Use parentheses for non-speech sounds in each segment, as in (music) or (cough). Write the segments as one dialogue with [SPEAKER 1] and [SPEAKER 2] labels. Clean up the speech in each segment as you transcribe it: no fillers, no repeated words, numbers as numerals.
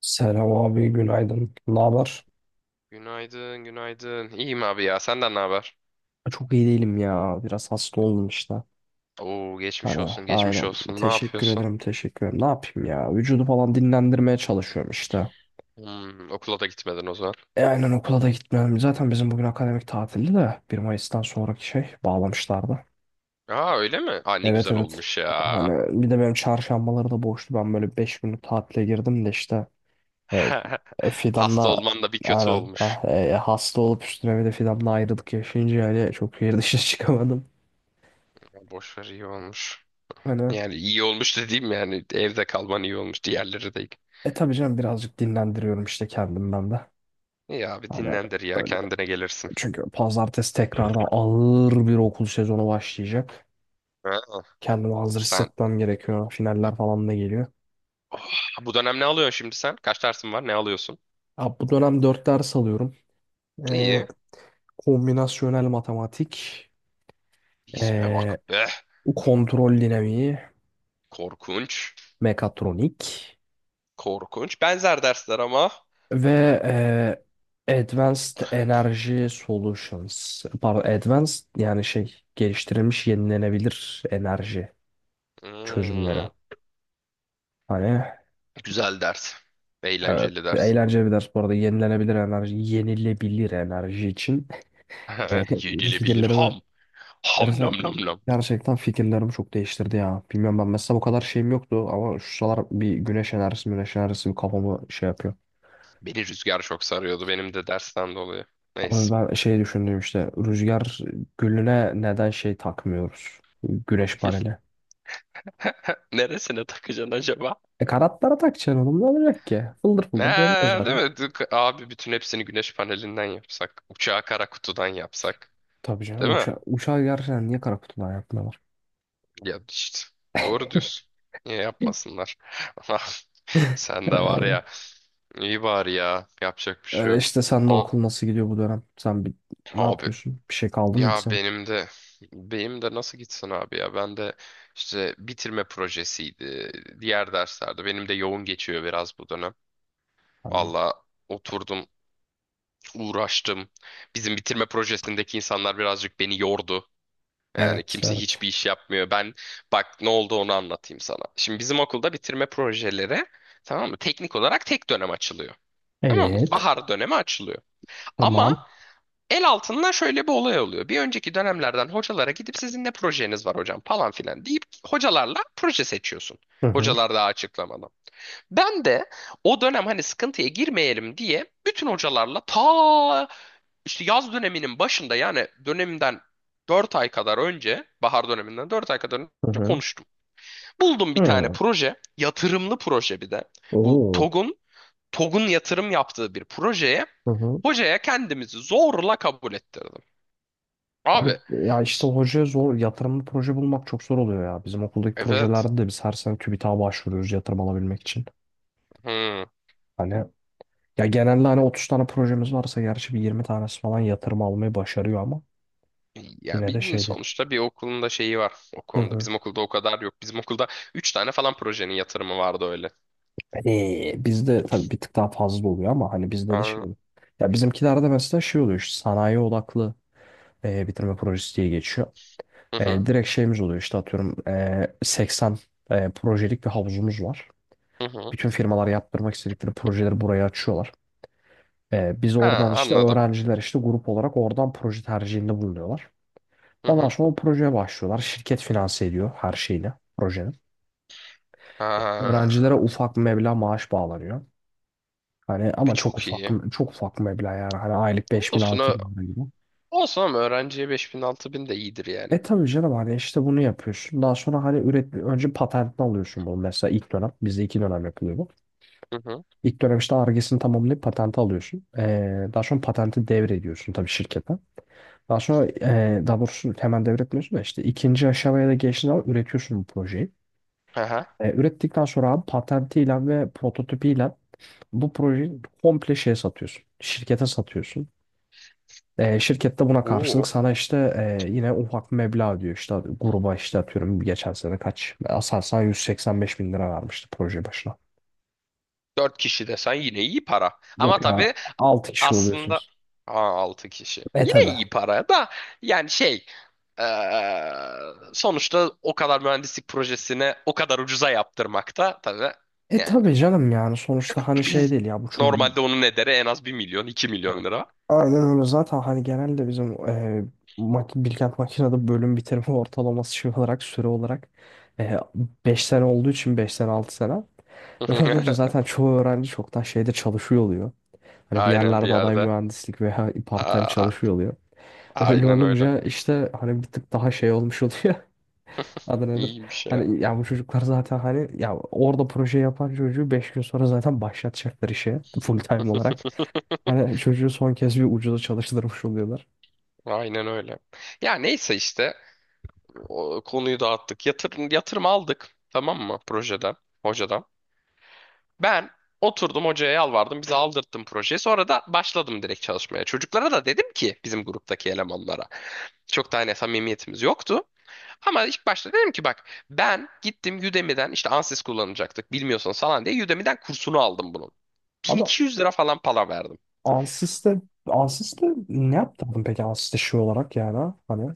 [SPEAKER 1] Selam abi, günaydın. Ne haber?
[SPEAKER 2] Günaydın, günaydın. İyiyim abi ya. Senden ne haber?
[SPEAKER 1] Çok iyi değilim ya. Biraz hasta oldum işte.
[SPEAKER 2] Oo, geçmiş
[SPEAKER 1] Hani
[SPEAKER 2] olsun, geçmiş
[SPEAKER 1] aynen.
[SPEAKER 2] olsun. Ne
[SPEAKER 1] Teşekkür
[SPEAKER 2] yapıyorsun?
[SPEAKER 1] ederim, teşekkür ederim. Ne yapayım ya? Vücudu falan dinlendirmeye çalışıyorum işte.
[SPEAKER 2] Hmm, okula da gitmedin o zaman.
[SPEAKER 1] E aynen okula da gitmiyorum. Zaten bizim bugün akademik tatildi de bir Mayıs'tan sonraki şey bağlamışlardı.
[SPEAKER 2] Aa, öyle mi? Aa, ne
[SPEAKER 1] Evet
[SPEAKER 2] güzel
[SPEAKER 1] evet.
[SPEAKER 2] olmuş ya.
[SPEAKER 1] Hani bir de benim çarşambaları da boştu. Ben böyle 5 günlük tatile girdim de işte e,
[SPEAKER 2] (laughs) Hasta
[SPEAKER 1] Fidan'la
[SPEAKER 2] olman da bir kötü
[SPEAKER 1] aynen ha,
[SPEAKER 2] olmuş.
[SPEAKER 1] hasta olup üstüne bir de Fidan'la ayrılık yaşayınca yani çok bir dışına (laughs) çıkamadım.
[SPEAKER 2] Ya, boş ver, iyi olmuş.
[SPEAKER 1] Hani.
[SPEAKER 2] Yani iyi olmuş dediğim yani evde kalman iyi olmuş. Diğerleri değil.
[SPEAKER 1] E tabii canım birazcık dinlendiriyorum işte kendimden de.
[SPEAKER 2] İyi abi
[SPEAKER 1] Hani
[SPEAKER 2] dinlendir ya
[SPEAKER 1] öyle.
[SPEAKER 2] kendine gelirsin.
[SPEAKER 1] Çünkü pazartesi tekrardan ağır bir okul sezonu başlayacak.
[SPEAKER 2] Ha.
[SPEAKER 1] Kendimi hazır
[SPEAKER 2] sen
[SPEAKER 1] hissetmem gerekiyor. Finaller falan da geliyor.
[SPEAKER 2] Oh, bu dönem ne alıyorsun şimdi sen? Kaç dersin var? Ne alıyorsun?
[SPEAKER 1] Ya bu dönem dört ders alıyorum. E,
[SPEAKER 2] İyi.
[SPEAKER 1] kombinasyonel matematik,
[SPEAKER 2] İsme
[SPEAKER 1] e,
[SPEAKER 2] bak be.
[SPEAKER 1] kontrol dinamiği,
[SPEAKER 2] Korkunç.
[SPEAKER 1] mekatronik
[SPEAKER 2] Korkunç. Benzer dersler ama.
[SPEAKER 1] ve Advanced Energy Solutions. Pardon, Advanced yani şey geliştirilmiş yenilenebilir enerji çözümleri.
[SPEAKER 2] Hmm,
[SPEAKER 1] Hani
[SPEAKER 2] güzel ders.
[SPEAKER 1] evet
[SPEAKER 2] Eğlenceli ders.
[SPEAKER 1] eğlenceli bir ders bu arada yenilenebilir enerji, yenilebilir enerji için (laughs) e,
[SPEAKER 2] (laughs) Yenilebilir
[SPEAKER 1] fikirlerimi
[SPEAKER 2] ham. Ham nam
[SPEAKER 1] gerçekten,
[SPEAKER 2] nam nam.
[SPEAKER 1] gerçekten fikirlerimi çok değiştirdi ya. Bilmiyorum ben mesela bu kadar şeyim yoktu ama şu sıralar bir güneş enerjisi güneş enerjisi bir kafamı şey yapıyor.
[SPEAKER 2] Beni rüzgar çok sarıyordu benim de dersten dolayı.
[SPEAKER 1] Ama
[SPEAKER 2] Neyse.
[SPEAKER 1] ben şey düşündüm işte rüzgar gülüne neden şey takmıyoruz güneş paneli.
[SPEAKER 2] (laughs) Neresine takacaksın acaba?
[SPEAKER 1] E kanatlara takacaksın oğlum ne olacak ki? Fıldır fıldır dönüyor
[SPEAKER 2] Ee, değil
[SPEAKER 1] zaten.
[SPEAKER 2] mi? Abi bütün hepsini güneş panelinden yapsak. Uçağı kara kutudan yapsak.
[SPEAKER 1] Tabii canım
[SPEAKER 2] Değil mi?
[SPEAKER 1] uçağı gerçekten niye kara kutudan yapmıyorlar?
[SPEAKER 2] Ya işte. Doğru diyorsun. Niye yapmasınlar? (laughs) Sen de var ya. İyi bari ya. Yapacak bir şey
[SPEAKER 1] Öyle
[SPEAKER 2] yok.
[SPEAKER 1] işte senle
[SPEAKER 2] O-
[SPEAKER 1] okul nasıl gidiyor bu dönem? Sen bir, ne
[SPEAKER 2] Abi.
[SPEAKER 1] yapıyorsun? Bir şey kaldı mıydı
[SPEAKER 2] Ya
[SPEAKER 1] sen?
[SPEAKER 2] benim de nasıl gitsin abi ya ben de işte bitirme projesiydi, diğer derslerde benim de yoğun geçiyor biraz bu dönem.
[SPEAKER 1] Hani,
[SPEAKER 2] Valla oturdum, uğraştım, bizim bitirme projesindeki insanlar birazcık beni yordu. Yani
[SPEAKER 1] evet,
[SPEAKER 2] kimse
[SPEAKER 1] evet.
[SPEAKER 2] hiçbir iş yapmıyor. Ben, bak ne oldu onu anlatayım sana. Şimdi bizim okulda bitirme projeleri, tamam mı, teknik olarak tek dönem açılıyor. Tamam mı?
[SPEAKER 1] Evet.
[SPEAKER 2] Bahar dönemi açılıyor. Ama
[SPEAKER 1] Tamam.
[SPEAKER 2] el altından şöyle bir olay oluyor. Bir önceki dönemlerden hocalara gidip sizin ne projeniz var hocam falan filan deyip hocalarla proje seçiyorsun.
[SPEAKER 1] Hı hı
[SPEAKER 2] Hocalar daha açıklamadan. Ben de o dönem hani sıkıntıya girmeyelim diye bütün hocalarla, ta işte yaz döneminin başında, yani dönemden 4 ay kadar önce, bahar döneminden 4 ay kadar önce
[SPEAKER 1] hı hı.
[SPEAKER 2] konuştum. Buldum bir tane
[SPEAKER 1] Hı.
[SPEAKER 2] proje, yatırımlı proje bir de. Bu
[SPEAKER 1] Oo.
[SPEAKER 2] TOG'un yatırım yaptığı bir projeye
[SPEAKER 1] Hı hı.
[SPEAKER 2] hocaya kendimizi zorla kabul ettirdim.
[SPEAKER 1] Abi
[SPEAKER 2] Abi,
[SPEAKER 1] ya işte
[SPEAKER 2] s-
[SPEAKER 1] hocaya zor yatırımlı proje bulmak çok zor oluyor ya. Bizim okuldaki
[SPEAKER 2] evet.
[SPEAKER 1] projelerde de biz her sene TÜBİTAK'a başvuruyoruz yatırım alabilmek için.
[SPEAKER 2] Hmm.
[SPEAKER 1] Hani ya genelde hani 30 tane projemiz varsa gerçi bir 20 tanesi falan yatırım almayı başarıyor ama
[SPEAKER 2] Ya
[SPEAKER 1] yine de
[SPEAKER 2] bilmiyorum
[SPEAKER 1] şey değil.
[SPEAKER 2] sonuçta bir okulun da şeyi var o
[SPEAKER 1] Hı
[SPEAKER 2] konuda.
[SPEAKER 1] hı.
[SPEAKER 2] Bizim okulda o kadar yok. Bizim okulda 3 tane falan projenin yatırımı vardı öyle.
[SPEAKER 1] Bizde tabii bir tık daha fazla oluyor ama hani bizde de şey
[SPEAKER 2] Aa,
[SPEAKER 1] oluyor. Ya bizimkilerde mesela şey oluyor işte sanayi odaklı bitirme projesi diye geçiyor.
[SPEAKER 2] hı hı,
[SPEAKER 1] E, direkt şeyimiz oluyor işte atıyorum 80 projelik bir havuzumuz var.
[SPEAKER 2] hı hı.
[SPEAKER 1] Bütün firmalar yaptırmak istedikleri projeleri buraya açıyorlar. E, biz
[SPEAKER 2] Ha,
[SPEAKER 1] oradan işte
[SPEAKER 2] anladım.
[SPEAKER 1] öğrenciler işte grup olarak oradan proje tercihinde bulunuyorlar.
[SPEAKER 2] Hı
[SPEAKER 1] Ondan
[SPEAKER 2] hı.
[SPEAKER 1] sonra o projeye başlıyorlar. Şirket finanse ediyor her şeyini projenin. Öğrencilere
[SPEAKER 2] Ha,
[SPEAKER 1] ufak bir meblağ maaş bağlanıyor. Hani ama çok
[SPEAKER 2] çok
[SPEAKER 1] ufak
[SPEAKER 2] iyi.
[SPEAKER 1] çok ufak meblağ yani hani aylık 5.000
[SPEAKER 2] Olsun,
[SPEAKER 1] 6.000 lira gibi.
[SPEAKER 2] olsun ama öğrenciye 5000 6000 de iyidir yani.
[SPEAKER 1] E tabii canım hani işte bunu yapıyorsun. Daha sonra hani önce patentini alıyorsun bunu mesela ilk dönem. Bizde 2 dönem yapılıyor bu.
[SPEAKER 2] Hı hı.
[SPEAKER 1] İlk dönem işte Ar-Ge'sini tamamlayıp patenti alıyorsun. E, daha sonra patenti devrediyorsun tabii şirkete. Daha sonra daha doğrusu hemen devretmiyorsun da işte ikinci aşamaya da geçtiğin zaman üretiyorsun bu projeyi.
[SPEAKER 2] Aha.
[SPEAKER 1] E, ürettikten sonra abi patentiyle ve prototipiyle bu projeyi komple şeye satıyorsun. Şirkete satıyorsun. E, şirket buna karşılık
[SPEAKER 2] Oo.
[SPEAKER 1] sana işte yine ufak bir meblağ diyor. İşte gruba işte atıyorum geçen sene kaç? Aselsan 185 bin lira vermişti proje başına.
[SPEAKER 2] 4 kişi desen yine iyi para.
[SPEAKER 1] Yok
[SPEAKER 2] Ama
[SPEAKER 1] ya
[SPEAKER 2] tabii
[SPEAKER 1] 6 kişi
[SPEAKER 2] aslında
[SPEAKER 1] oluyorsunuz.
[SPEAKER 2] 6 kişi.
[SPEAKER 1] E
[SPEAKER 2] Yine
[SPEAKER 1] tabi.
[SPEAKER 2] iyi para da, yani şey, eee, sonuçta o kadar mühendislik projesini o kadar ucuza yaptırmak da tabii
[SPEAKER 1] E
[SPEAKER 2] yani
[SPEAKER 1] tabi canım yani sonuçta hani şey
[SPEAKER 2] (clears throat)
[SPEAKER 1] değil ya bu çocuk
[SPEAKER 2] normalde onun ederi en az bir milyon 2 milyon lira.
[SPEAKER 1] aynen öyle zaten hani genelde bizim e, mak Bilkent Makina'da bölüm bitirme (laughs) ortalaması şey olarak süre olarak e, 5 sene olduğu için 5 sene 6 sene öyle olunca
[SPEAKER 2] (laughs)
[SPEAKER 1] zaten çoğu öğrenci çoktan şeyde çalışıyor oluyor. Hani bir
[SPEAKER 2] Aynen bir
[SPEAKER 1] yerlerde aday
[SPEAKER 2] yerde.
[SPEAKER 1] mühendislik veya part-time
[SPEAKER 2] Aa,
[SPEAKER 1] çalışıyor oluyor. Öyle
[SPEAKER 2] aynen öyle.
[SPEAKER 1] olunca işte hani bir tık daha şey olmuş oluyor. (laughs) Adı nedir?
[SPEAKER 2] İyiymiş ya.
[SPEAKER 1] Hani ya bu çocuklar zaten hani ya orada proje yapan çocuğu 5 gün sonra zaten başlatacaklar işe full time olarak. Hani çocuğu son kez bir ucuza çalıştırmış oluyorlar.
[SPEAKER 2] Aynen öyle. Ya neyse işte o konuyu dağıttık. Yatırım, yatırım aldık. Tamam mı projeden, hocadan? Ben oturdum hocaya yalvardım. Bize aldırttım projeyi. Sonra da başladım direkt çalışmaya. Çocuklara da dedim ki bizim gruptaki elemanlara. Çok da hani samimiyetimiz yoktu. Ama ilk başta dedim ki bak ben gittim Udemy'den işte Ansys kullanacaktık bilmiyorsanız falan diye Udemy'den kursunu aldım bunun.
[SPEAKER 1] Ama
[SPEAKER 2] 1200 lira falan para verdim.
[SPEAKER 1] Ansys'te Ansys'te ne yaptırdın peki Ansys'te şey olarak yani ha? Hani.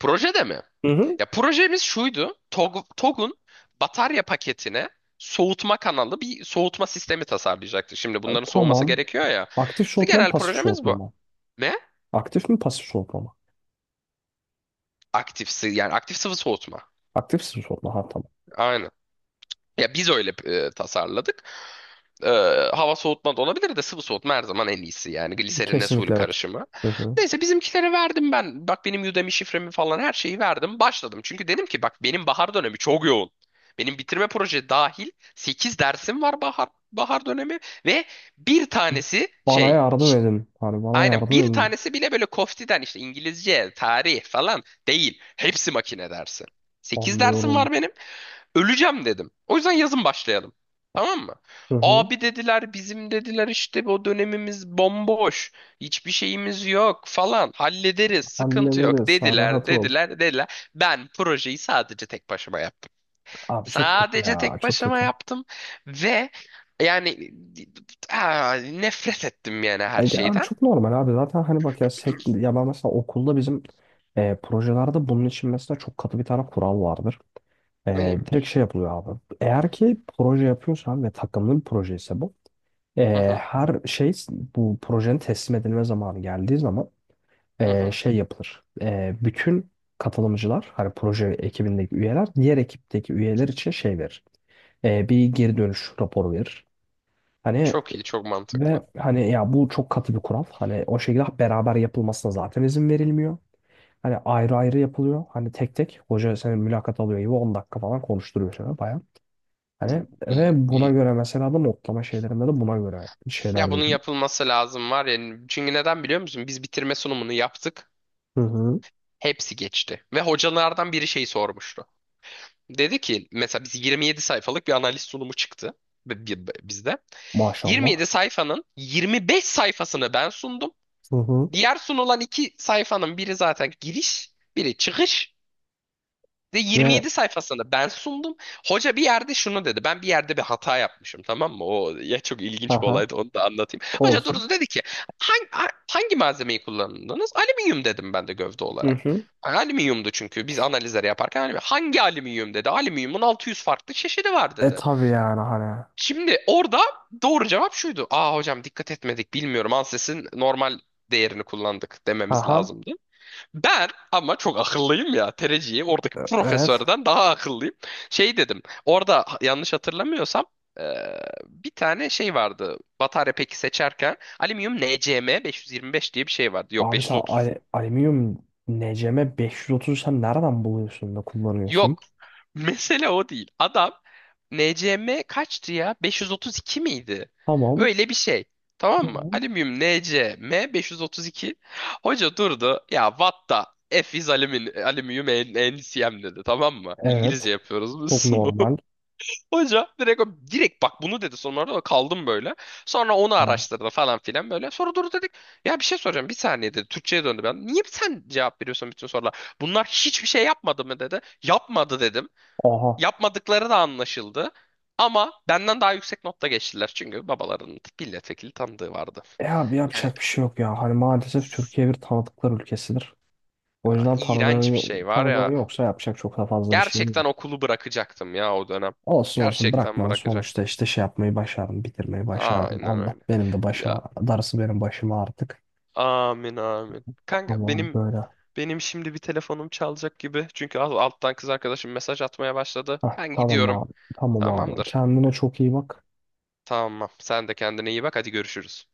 [SPEAKER 2] Projede mi?
[SPEAKER 1] Hı hı.
[SPEAKER 2] Ya projemiz şuydu. TOG'un batarya paketine soğutma kanalı, bir soğutma sistemi tasarlayacaktı. Şimdi
[SPEAKER 1] e,
[SPEAKER 2] bunların soğuması
[SPEAKER 1] tamam
[SPEAKER 2] gerekiyor ya.
[SPEAKER 1] aktif soğutma mı
[SPEAKER 2] Genel
[SPEAKER 1] pasif
[SPEAKER 2] projemiz
[SPEAKER 1] soğutma
[SPEAKER 2] bu.
[SPEAKER 1] mı?
[SPEAKER 2] Ne?
[SPEAKER 1] Aktif mi pasif soğutma mı?
[SPEAKER 2] Yani aktif sıvı soğutma.
[SPEAKER 1] Aktif soğutma ha tamam.
[SPEAKER 2] Aynen. Ya biz öyle tasarladık. E, Hava soğutma da olabilir de sıvı soğutma her zaman en iyisi yani gliserinle suyla
[SPEAKER 1] Kesinlikle evet.
[SPEAKER 2] karışımı.
[SPEAKER 1] Hı hı.
[SPEAKER 2] Neyse bizimkilere verdim ben. Bak benim Udemy şifremi falan her şeyi verdim. Başladım. Çünkü dedim ki bak benim bahar dönemi çok yoğun. Benim bitirme proje dahil 8 dersim var, bahar dönemi ve bir tanesi
[SPEAKER 1] Bana
[SPEAKER 2] şey,
[SPEAKER 1] yardım edin. Hani bana
[SPEAKER 2] aynen
[SPEAKER 1] yardım
[SPEAKER 2] bir
[SPEAKER 1] edin.
[SPEAKER 2] tanesi bile böyle koftiden işte İngilizce, tarih falan değil. Hepsi makine dersi. Sekiz dersim
[SPEAKER 1] Anlıyorum.
[SPEAKER 2] var benim. Öleceğim dedim. O yüzden yazın başlayalım. Tamam mı?
[SPEAKER 1] Hı hı.
[SPEAKER 2] Abi dediler bizim dediler işte o dönemimiz bomboş. Hiçbir şeyimiz yok falan. Hallederiz sıkıntı yok
[SPEAKER 1] Hallederiz. Sen
[SPEAKER 2] dediler
[SPEAKER 1] rahat ol.
[SPEAKER 2] dediler dediler. Ben projeyi sadece tek başıma yaptım.
[SPEAKER 1] Abi çok kötü
[SPEAKER 2] Sadece
[SPEAKER 1] ya.
[SPEAKER 2] tek
[SPEAKER 1] Çok
[SPEAKER 2] başıma
[SPEAKER 1] kötü.
[SPEAKER 2] yaptım ve yani, ah, nefret ettim yani her
[SPEAKER 1] Yani genel
[SPEAKER 2] şeyden.
[SPEAKER 1] çok normal abi. Zaten hani bak ya, ya ben mesela okulda bizim projelerde bunun için mesela çok katı bir tane kural vardır. E, direkt
[SPEAKER 2] Neymiş?
[SPEAKER 1] şey yapılıyor abi. Eğer ki proje yapıyorsan ve takımlı bir proje ise bu.
[SPEAKER 2] Hı
[SPEAKER 1] e,
[SPEAKER 2] hı,
[SPEAKER 1] her şey bu projenin teslim edilme zamanı geldiği zaman
[SPEAKER 2] hı hı.
[SPEAKER 1] şey yapılır. E, bütün katılımcılar, hani proje ekibindeki üyeler, diğer ekipteki üyeler için şey verir. E, bir geri dönüş raporu verir. Hani
[SPEAKER 2] Çok iyi, çok mantıklı.
[SPEAKER 1] ve Hani ya bu çok katı bir kural. Hani o şekilde beraber yapılmasına zaten izin verilmiyor. Hani ayrı ayrı yapılıyor. Hani tek tek hoca seni mülakat alıyor gibi 10 dakika falan konuşturuyor sana bayağı. Hani
[SPEAKER 2] İyi iyi.
[SPEAKER 1] ve buna
[SPEAKER 2] İyi.
[SPEAKER 1] göre mesela da notlama şeylerinde de buna göre şeyler
[SPEAKER 2] Ya bunun
[SPEAKER 1] veriliyor.
[SPEAKER 2] yapılması lazım var ya. Çünkü neden biliyor musun? Biz bitirme sunumunu yaptık.
[SPEAKER 1] Hı hı.
[SPEAKER 2] Hepsi geçti. Ve hocalardan biri şey sormuştu. Dedi ki mesela biz 27 sayfalık bir analiz sunumu çıktı bizde. 27
[SPEAKER 1] Maşallah.
[SPEAKER 2] sayfanın 25 sayfasını ben sundum.
[SPEAKER 1] Hı hı.
[SPEAKER 2] Diğer sunulan iki sayfanın biri zaten giriş, biri çıkış. Ve
[SPEAKER 1] Ve
[SPEAKER 2] 27 sayfasında ben sundum. Hoca bir yerde şunu dedi. Ben bir yerde bir hata yapmışım, tamam mı? O ya çok ilginç bir
[SPEAKER 1] aha,
[SPEAKER 2] olaydı, onu da anlatayım. Hoca
[SPEAKER 1] olsun.
[SPEAKER 2] durdu dedi ki hangi malzemeyi kullandınız? Alüminyum dedim ben de gövde
[SPEAKER 1] Hı
[SPEAKER 2] olarak.
[SPEAKER 1] hı.
[SPEAKER 2] Yani alüminyumdu çünkü biz analizleri yaparken alüminyum. Hangi alüminyum dedi. Alüminyumun 600 farklı çeşidi var
[SPEAKER 1] E
[SPEAKER 2] dedi.
[SPEAKER 1] tabii yani hani.
[SPEAKER 2] Şimdi orada doğru cevap şuydu. Aa hocam dikkat etmedik bilmiyorum. Anses'in normal değerini kullandık dememiz
[SPEAKER 1] Aha.
[SPEAKER 2] lazımdı. Ben ama çok akıllıyım ya. Tereciyi oradaki
[SPEAKER 1] Evet.
[SPEAKER 2] profesörden daha akıllıyım. Şey dedim. Orada yanlış hatırlamıyorsam bir tane şey vardı. Batarya peki seçerken alüminyum NCM 525 diye bir şey vardı. Yok,
[SPEAKER 1] Abi sen alüminyum NCM 530 sen nereden buluyorsun da kullanıyorsun?
[SPEAKER 2] yok. (laughs) Mesele o değil. Adam NCM kaçtı ya? 532 miydi?
[SPEAKER 1] Tamam.
[SPEAKER 2] Öyle bir şey. Tamam mı?
[SPEAKER 1] Evet.
[SPEAKER 2] Alüminyum NCM 532. Hoca durdu. Ya what the F is alüminyum NCM dedi. Tamam mı?
[SPEAKER 1] Evet.
[SPEAKER 2] İngilizce yapıyoruz biz (laughs)
[SPEAKER 1] Çok
[SPEAKER 2] sınavı.
[SPEAKER 1] normal.
[SPEAKER 2] Hoca direkt direkt bak bunu dedi sonra da kaldım böyle. Sonra onu
[SPEAKER 1] Hani,
[SPEAKER 2] araştırdı falan filan böyle. Sonra durdu dedik ya bir şey soracağım bir saniye dedi. Türkçe'ye döndü ben. Niye sen cevap veriyorsun bütün sorulara? Bunlar hiçbir şey yapmadı mı dedi. Yapmadı dedim.
[SPEAKER 1] aha.
[SPEAKER 2] Yapmadıkları da anlaşıldı. Ama benden daha yüksek notta geçtiler. Çünkü babalarının milletvekili tanıdığı vardı.
[SPEAKER 1] E abi
[SPEAKER 2] Yani
[SPEAKER 1] yapacak bir şey yok ya. Hani maalesef
[SPEAKER 2] s-
[SPEAKER 1] Türkiye bir tanıdıklar ülkesidir. O
[SPEAKER 2] ya,
[SPEAKER 1] yüzden
[SPEAKER 2] iğrenç bir şey var
[SPEAKER 1] tanıdığın
[SPEAKER 2] ya.
[SPEAKER 1] yoksa yapacak çok da fazla bir şey yok.
[SPEAKER 2] Gerçekten okulu bırakacaktım ya o dönem.
[SPEAKER 1] Olsun olsun
[SPEAKER 2] Gerçekten
[SPEAKER 1] bırakmanın sonuçta
[SPEAKER 2] bırakacaktım.
[SPEAKER 1] işte şey yapmayı başardım, bitirmeyi başardım.
[SPEAKER 2] Aynen
[SPEAKER 1] Allah
[SPEAKER 2] öyle.
[SPEAKER 1] benim de başıma,
[SPEAKER 2] Ya.
[SPEAKER 1] darısı benim başıma artık.
[SPEAKER 2] Amin amin. Kanka
[SPEAKER 1] Ama
[SPEAKER 2] benim
[SPEAKER 1] böyle.
[SPEAKER 2] benim şimdi bir telefonum çalacak gibi. Çünkü alttan kız arkadaşım mesaj atmaya başladı.
[SPEAKER 1] Heh,
[SPEAKER 2] Ben
[SPEAKER 1] tamam
[SPEAKER 2] gidiyorum.
[SPEAKER 1] abi. Tamam abi.
[SPEAKER 2] Tamamdır.
[SPEAKER 1] Kendine çok iyi bak.
[SPEAKER 2] Tamam. Sen de kendine iyi bak. Hadi görüşürüz.